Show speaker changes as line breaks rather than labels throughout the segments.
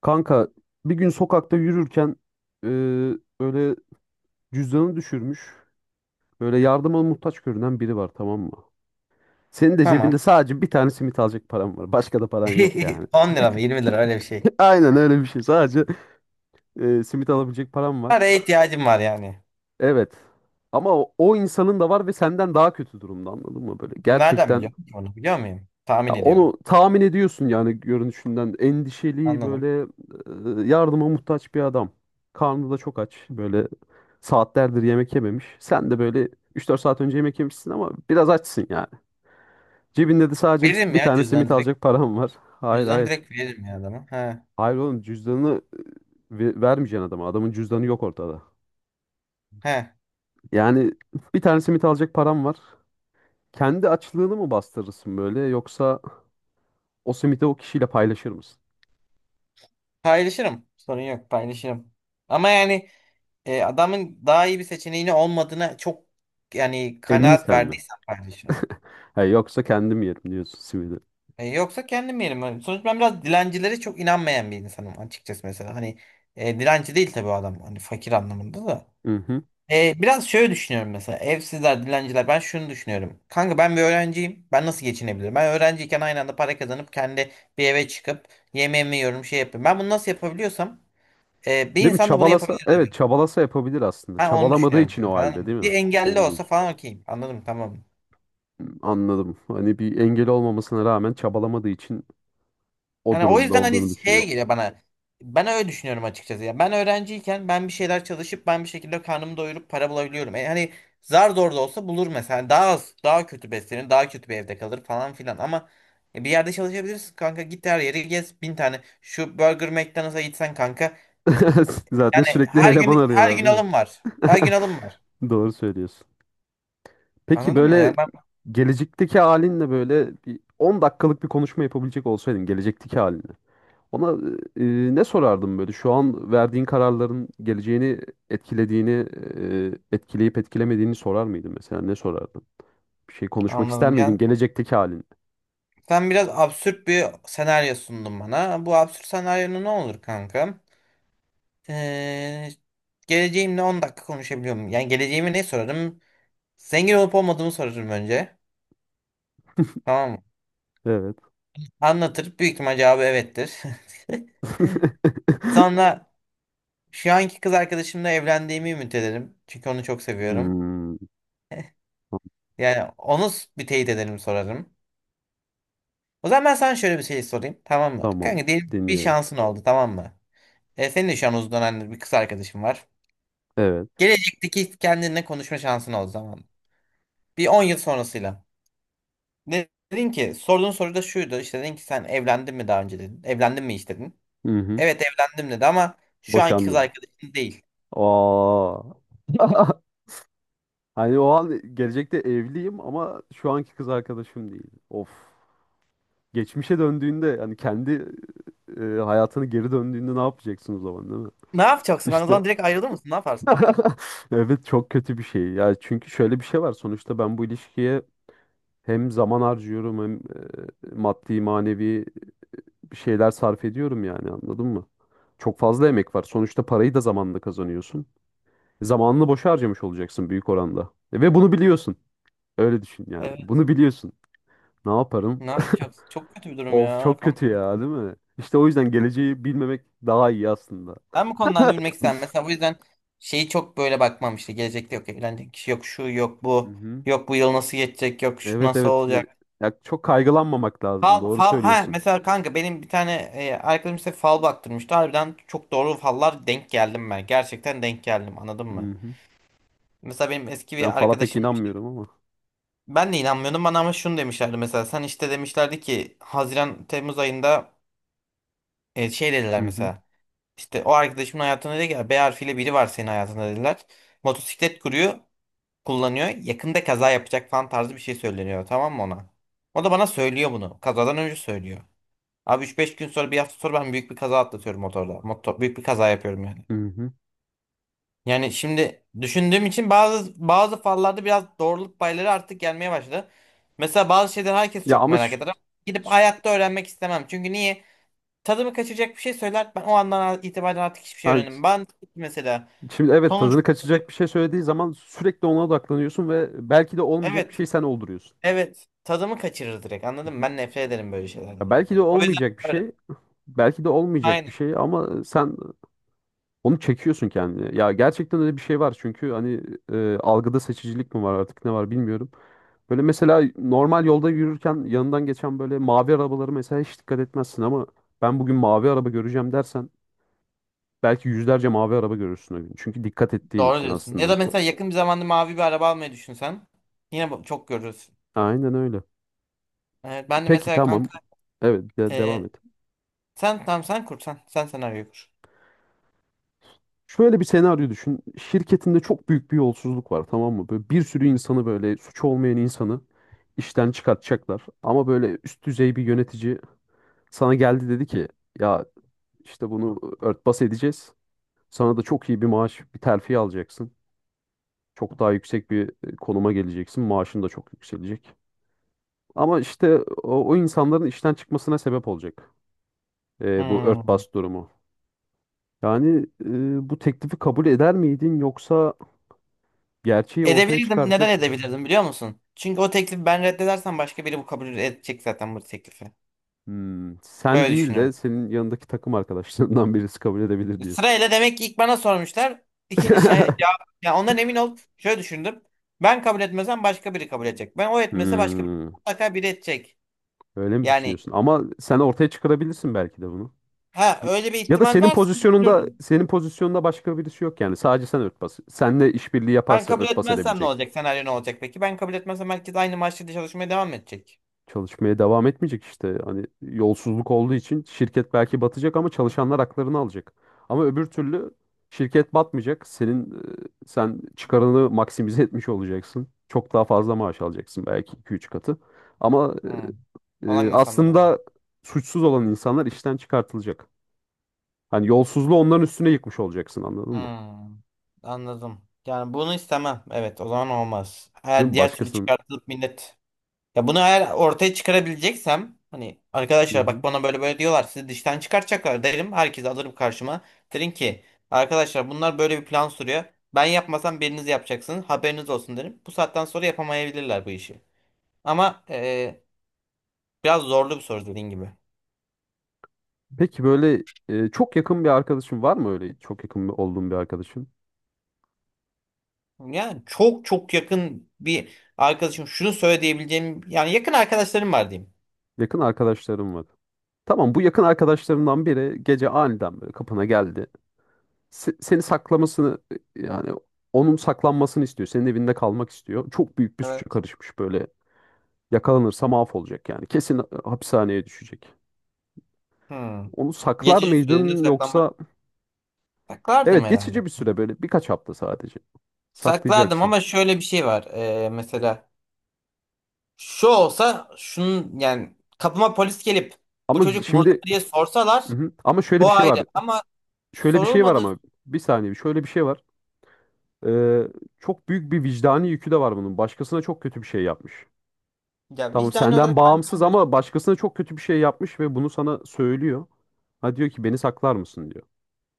Kanka bir gün sokakta yürürken e, öyle cüzdanını düşürmüş. Böyle yardıma muhtaç görünen biri var, tamam mı? Senin de
Tamam.
cebinde sadece bir tane simit alacak paran var. Başka da paran yok yani.
10 lira mı 20 lira, öyle bir şey.
Aynen öyle bir şey. Sadece simit alabilecek paran var.
Paraya ihtiyacım var yani.
Evet. Ama o, o insanın da var ve senden daha kötü durumda, anladın mı? Böyle
Nereden
gerçekten
biliyorum ki, onu biliyor muyum?
ya
Tahmin
onu
ediyorum.
tahmin ediyorsun yani görünüşünden. Endişeli,
Anladım.
böyle yardıma muhtaç bir adam. Karnı da çok aç. Böyle saatlerdir yemek yememiş. Sen de böyle üç dört saat önce yemek yemişsin ama biraz açsın yani. Cebinde de sadece
Veririm
bir
ya
tane simit
cüzdanı direkt.
alacak param var. Hayır,
Cüzdanı
hayır.
direkt veririm ya adama. He.
Hayır oğlum, cüzdanını vermeyeceksin adama. Adamın cüzdanı yok ortada.
He.
Yani bir tane simit alacak param var. Kendi açlığını mı bastırırsın böyle, yoksa o simiti o kişiyle paylaşır mısın?
Paylaşırım. Sorun yok, paylaşırım. Ama yani adamın daha iyi bir seçeneğini olmadığına çok, yani
Emin
kanaat
sen mi?
verdiysem paylaşırım.
Ha, yoksa kendim yerim diyorsun simidi.
Yoksa kendim yerim. Yani sonuçta ben biraz dilencilere çok inanmayan bir insanım açıkçası, mesela. Hani dilenci değil tabii o adam. Hani fakir anlamında da.
Hı hı.
Biraz şöyle düşünüyorum, mesela evsizler, dilenciler, ben şunu düşünüyorum. Kanka, ben bir öğrenciyim. Ben nasıl geçinebilirim? Ben öğrenciyken aynı anda para kazanıp kendi bir eve çıkıp yemeğimi yiyorum, şey yapıyorum. Ben bunu nasıl yapabiliyorsam bir
Değil mi?
insan da bunu
Çabalasa,
yapabilir
evet
demek.
çabalasa yapabilir aslında.
Ben onu
Çabalamadığı
düşünüyorum
için o
kanka,
halde,
anladın mı?
değil mi?
Bir engelli
Doğru
olsa
diyorsun.
falan okeyim. Anladım, tamam.
Anladım. Hani bir engel olmamasına rağmen çabalamadığı için o
Yani o
durumda
yüzden hani
olduğunu
şeye
düşünüyorsun.
geliyor bana. Ben öyle düşünüyorum açıkçası. Ya ben öğrenciyken ben bir şeyler çalışıp ben bir şekilde karnımı doyurup para bulabiliyorum. Hani zar zor da olsa bulur mesela. Hani daha az, daha kötü beslenir, daha kötü bir evde kalır falan filan. Ama bir yerde çalışabilirsin kanka. Git her yeri gez. Bin tane şu Burger McDonald's'a gitsen kanka.
Zaten
Yani
sürekli
her
eleman
gün her
arıyorlar,
gün
değil mi?
alım var. Her gün alım var.
Doğru söylüyorsun. Peki
Anladın mı
böyle
ya? Ben
gelecekteki halinle böyle bir 10 dakikalık bir konuşma yapabilecek olsaydın gelecekteki halinle. Ona ne sorardım böyle? Şu an verdiğin kararların geleceğini etkilediğini, etkileyip etkilemediğini sorar mıydın mesela? Ne sorardın? Bir şey konuşmak ister
anladım.
miydin
Yani
gelecekteki halin?
sen biraz absürt bir senaryo sundun bana. Bu absürt senaryo ne olur kanka? Ee, geleceğimle 10 dakika konuşabiliyorum. Yani geleceğimi ne sorarım? Zengin olup olmadığımı sorarım önce. Tamam mı?
Evet.
Anlatır. Büyük ihtimal cevabı evettir. Sonra şu anki kız arkadaşımla evlendiğimi ümit ederim. Çünkü onu çok seviyorum.
Hmm,
Yani onu bir teyit ederim, sorarım. O zaman ben sana şöyle bir şey sorayım. Tamam mı?
tamam.
Kanka, diyelim bir
Dinliyorum.
şansın oldu, tamam mı? Senin de şu an uzun dönemdir bir kız arkadaşın var.
Evet.
Gelecekteki kendinle konuşma şansın oldu zaman. Bir 10 yıl sonrasıyla. Dedin ki sorduğun soru da şuydu işte, dedin ki sen evlendin mi daha önce dedin. Evlendin mi hiç dedin.
Hı hı.
Evet evlendim dedi ama şu anki kız
Boşandım.
arkadaşın değil.
Aa. Hani o an gelecekte evliyim ama şu anki kız arkadaşım değil. Of. Geçmişe döndüğünde hani kendi hayatını geri döndüğünde ne yapacaksın o zaman, değil mi?
Ne yapacaksın kanka? O
İşte
zaman direkt ayrılır mısın? Ne yaparsın?
evet, çok kötü bir şey. Ya çünkü şöyle bir şey var. Sonuçta ben bu ilişkiye hem zaman harcıyorum hem maddi manevi bir şeyler sarf ediyorum yani, anladın mı? Çok fazla emek var. Sonuçta parayı da zamanla kazanıyorsun. Zamanını boşa harcamış olacaksın büyük oranda. Ve bunu biliyorsun. Öyle düşün yani.
Evet.
Bunu biliyorsun. Ne yaparım?
Ne yapacaksın? Çok kötü bir durum
Of,
ya
çok kötü
kanka.
ya, değil mi? İşte o yüzden geleceği bilmemek daha iyi aslında.
Ben bu konularda bilmek istemem. Mesela bu yüzden şeyi çok böyle bakmam işte. Gelecekte yok evlenecek kişi, yok şu, yok bu.
Hı.
Yok bu yıl nasıl geçecek, yok şu
Evet,
nasıl
evet.
olacak.
Ya çok kaygılanmamak lazım.
Fal,
Doğru
fal, ha
söylüyorsun.
mesela kanka, benim bir tane arkadaşım işte fal baktırmıştı. Harbiden çok doğru fallar denk geldim ben. Gerçekten denk geldim, anladın
Hı
mı?
hı.
Mesela benim eski
Ben
bir
fala pek
arkadaşım
inanmıyorum ama.
ben de inanmıyordum bana, ama şunu demişlerdi mesela, sen işte demişlerdi ki Haziran Temmuz ayında şey dediler
Hı hı.
mesela, işte o arkadaşımın hayatında dedi ki B harfiyle biri var senin hayatında dediler. Motosiklet kuruyor, kullanıyor, yakında kaza yapacak falan tarzı bir şey söyleniyor, tamam mı ona? O da bana söylüyor bunu, kazadan önce söylüyor. Abi üç beş gün sonra, bir hafta sonra ben büyük bir kaza atlatıyorum motorda. Motor, büyük bir kaza yapıyorum yani.
Hı hı.
Yani şimdi düşündüğüm için bazı bazı fallarda biraz doğruluk payları artık gelmeye başladı. Mesela bazı şeyler herkes
Ya
çok
ama
merak
şu-
eder ama gidip
şu-
hayatta öğrenmek istemem. Çünkü niye? Tadımı kaçacak bir şey söyler. Ben o andan itibaren artık hiçbir şey
ha,
öğrenemem. Ben mesela,
şimdi evet,
sonuç,
tadını kaçacak bir şey söylediği zaman sürekli ona odaklanıyorsun ve belki de olmayacak bir
evet
şey sen olduruyorsun.
evet, tadımı kaçırır direkt,
Hı
anladın mı?
hı.
Ben nefret ederim böyle şeylerden. O
Ya belki de
yüzden O yüzden
olmayacak bir
öyle.
şey, belki de olmayacak bir
Aynen.
şey ama sen onu çekiyorsun kendine. Ya gerçekten öyle bir şey var çünkü hani algıda seçicilik mi var artık, ne var bilmiyorum. Böyle mesela normal yolda yürürken yanından geçen böyle mavi arabaları mesela hiç dikkat etmezsin ama ben bugün mavi araba göreceğim dersen belki yüzlerce mavi araba görürsün o gün. Çünkü dikkat ettiğin
Doğru
için
diyorsun. Ya
aslında
da mesela
çok.
yakın bir zamanda mavi bir araba almayı düşünsen yine çok görürsün.
Aynen öyle.
Evet, ben de
Peki
mesela
tamam.
kanka.
Evet, devam
e,
et.
Sen tamam, sen kur sen. Sen senaryoyu kur.
Şöyle bir senaryo düşün. Şirketinde çok büyük bir yolsuzluk var, tamam mı? Böyle bir sürü insanı, böyle suçu olmayan insanı işten çıkartacaklar. Ama böyle üst düzey bir yönetici sana geldi, dedi ki ya işte bunu örtbas edeceğiz. Sana da çok iyi bir maaş, bir terfi alacaksın. Çok daha yüksek bir konuma geleceksin. Maaşın da çok yükselecek. Ama işte o, o insanların işten çıkmasına sebep olacak bu
Hmm.
örtbas durumu. Yani bu teklifi kabul eder miydin yoksa gerçeği ortaya
Edebilirdim. Neden
çıkartıp
edebilirdim, biliyor musun? Çünkü o teklifi ben reddedersem başka biri bu kabul edecek zaten bu teklifi.
"Hmm, sen
Böyle
değil de
düşünüyorum.
senin yanındaki takım arkadaşlarından birisi kabul edebilir" diyorsun.
Sırayla demek ki ilk bana sormuşlar. İkinci şey cevap. Ya ondan emin olup şöyle düşündüm. Ben kabul etmezsem başka biri kabul edecek. Ben o etmese başka biri.
Hmm,
Mutlaka biri edecek.
öyle mi
Yani
düşünüyorsun? Ama sen ortaya çıkarabilirsin belki de bunu.
ha, öyle bir
Ya da
ihtimal
senin
varsa
pozisyonunda
düşünürdüm.
senin pozisyonunda başka birisi yok yani. Sadece sen örtbas. Seninle işbirliği
Ben
yaparsa
kabul
örtbas
etmezsem ne
edebilecek.
olacak? Senaryo ne olacak peki? Ben kabul etmezsem herkes aynı maaşla çalışmaya devam edecek.
Çalışmaya devam etmeyecek işte. Hani yolsuzluk olduğu için şirket belki batacak ama çalışanlar haklarını alacak. Ama öbür türlü şirket batmayacak. Senin sen çıkarını maksimize etmiş olacaksın. Çok daha fazla maaş alacaksın belki iki üç katı. Ama
Hmm. Olan insanlar oldu.
aslında suçsuz olan insanlar işten çıkartılacak. Hani yolsuzluğu onların üstüne yıkmış olacaksın, anladın mı?
Hmm, anladım. Yani bunu istemem. Evet, o zaman olmaz.
Değil
Eğer
mi?
diğer türlü
Başkasının.
çıkartılıp millet. Ya bunu eğer ortaya çıkarabileceksem, hani
Hı
arkadaşlar, bak
hı.
bana böyle böyle diyorlar, sizi dıştan çıkartacaklar derim. Herkesi alırım karşıma. Derim ki, arkadaşlar, bunlar böyle bir plan sürüyor. Ben yapmasam biriniz yapacaksınız. Haberiniz olsun derim. Bu saatten sonra yapamayabilirler bu işi. Ama biraz zorlu bir soru, dediğin gibi.
Peki böyle çok yakın bir arkadaşın var mı öyle? Çok yakın olduğun bir arkadaşın?
Yani çok çok yakın bir arkadaşım şunu söyle diyebileceğim, yani yakın arkadaşlarım var diyeyim.
Yakın arkadaşlarım var. Tamam, bu yakın arkadaşlarından biri gece aniden böyle kapına geldi. Seni saklamasını, yani onun saklanmasını istiyor. Senin evinde kalmak istiyor. Çok büyük bir suça karışmış böyle. Yakalanırsa mahvolacak yani. Kesin hapishaneye düşecek.
Hmm.
Onu saklar
Geçici süreliğine
mıydın
saklanmak.
yoksa
Saklardım
evet geçici
herhalde.
bir süre, böyle birkaç hafta sadece
Saklardım
saklayacaksın.
ama şöyle bir şey var. Mesela şu olsa şunun yani, kapıma polis gelip bu
Ama
çocuk burada mı
şimdi
diye sorsalar
hı hı. Ama şöyle
o
bir şey
ayrı
var.
ama
Şöyle bir şey var
sorulmadı
ama bir saniye, şöyle bir şey var. Ee, Çok büyük bir vicdani yükü de var bunun. Başkasına çok kötü bir şey yapmış.
ya,
Tamam,
vicdani
senden
olarak ben
bağımsız
kanka
ama başkasına çok kötü bir şey yapmış ve bunu sana söylüyor. Ha, diyor ki beni saklar mısın diyor.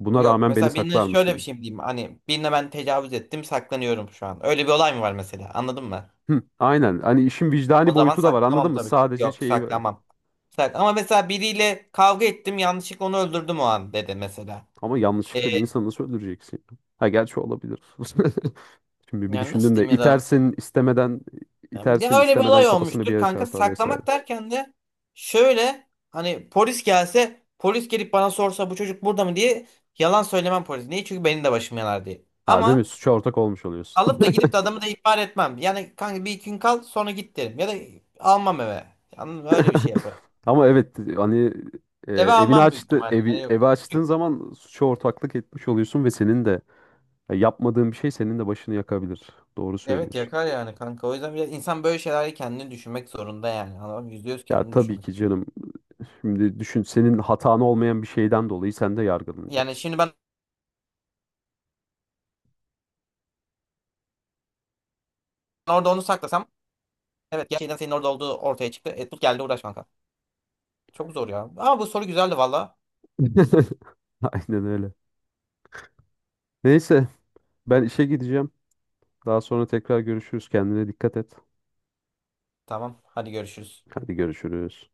Buna
yok.
rağmen beni
Mesela birine
saklar mısın
şöyle bir
diyor.
şey mi diyeyim, hani birine ben tecavüz ettim saklanıyorum şu an. Öyle bir olay mı var mesela, anladın mı?
Hı, aynen. Hani işin vicdani
O zaman
boyutu da var, anladın
saklamam
mı?
tabii ki.
Sadece
Yok
şeyi var.
saklamam. Ama mesela biriyle kavga ettim yanlışlıkla onu öldürdüm o an dedi mesela.
Ama
Ee,
yanlışlıkla bir insanı nasıl öldüreceksin? Ha, gerçi olabilir. Şimdi bir
Yani nasıl
düşündüm de,
diyeyim ya da,
itersin istemeden, itersin
ya öyle bir
istemeden
olay
kafasını bir
olmuştur
yere
kanka,
çarpar vesaire.
saklamak derken de şöyle, hani polis gelse, polis gelip bana sorsa bu çocuk burada mı diye, yalan söylemem polis. Niye? Çünkü benim de başım yanar diye.
Ha, değil mi?
Ama
Suça ortak olmuş oluyorsun.
alıp da gidip de adamı da ihbar etmem. Yani kanka bir iki gün kal sonra git derim ya da almam eve. Anladın mı? Öyle bir şey yaparım.
Ama evet hani
Eve
evini
almam büyük
açtı,
ihtimalle. Yani
evi
yok.
evi açtığın
Çünkü-
zaman suça ortaklık etmiş oluyorsun ve senin de ya yapmadığın bir şey senin de başını yakabilir. Doğru
Evet
söylüyorsun.
yakar yani kanka. O yüzden biraz insan böyle şeyleri kendini düşünmek zorunda yani. Anladın mı? %100
Ya
kendini
tabii ki
düşünmek.
canım. Şimdi düşün, senin hatan olmayan bir şeyden dolayı sen de
Yani
yargılanacaksın.
şimdi ben orada onu saklasam, evet gerçekten senin orada olduğu ortaya çıktı. Tut geldi uğraş kanka. Çok zor ya. Ama bu soru güzeldi valla.
Aynen öyle. Neyse, ben işe gideceğim. Daha sonra tekrar görüşürüz. Kendine dikkat et.
Tamam, hadi görüşürüz.
Hadi görüşürüz.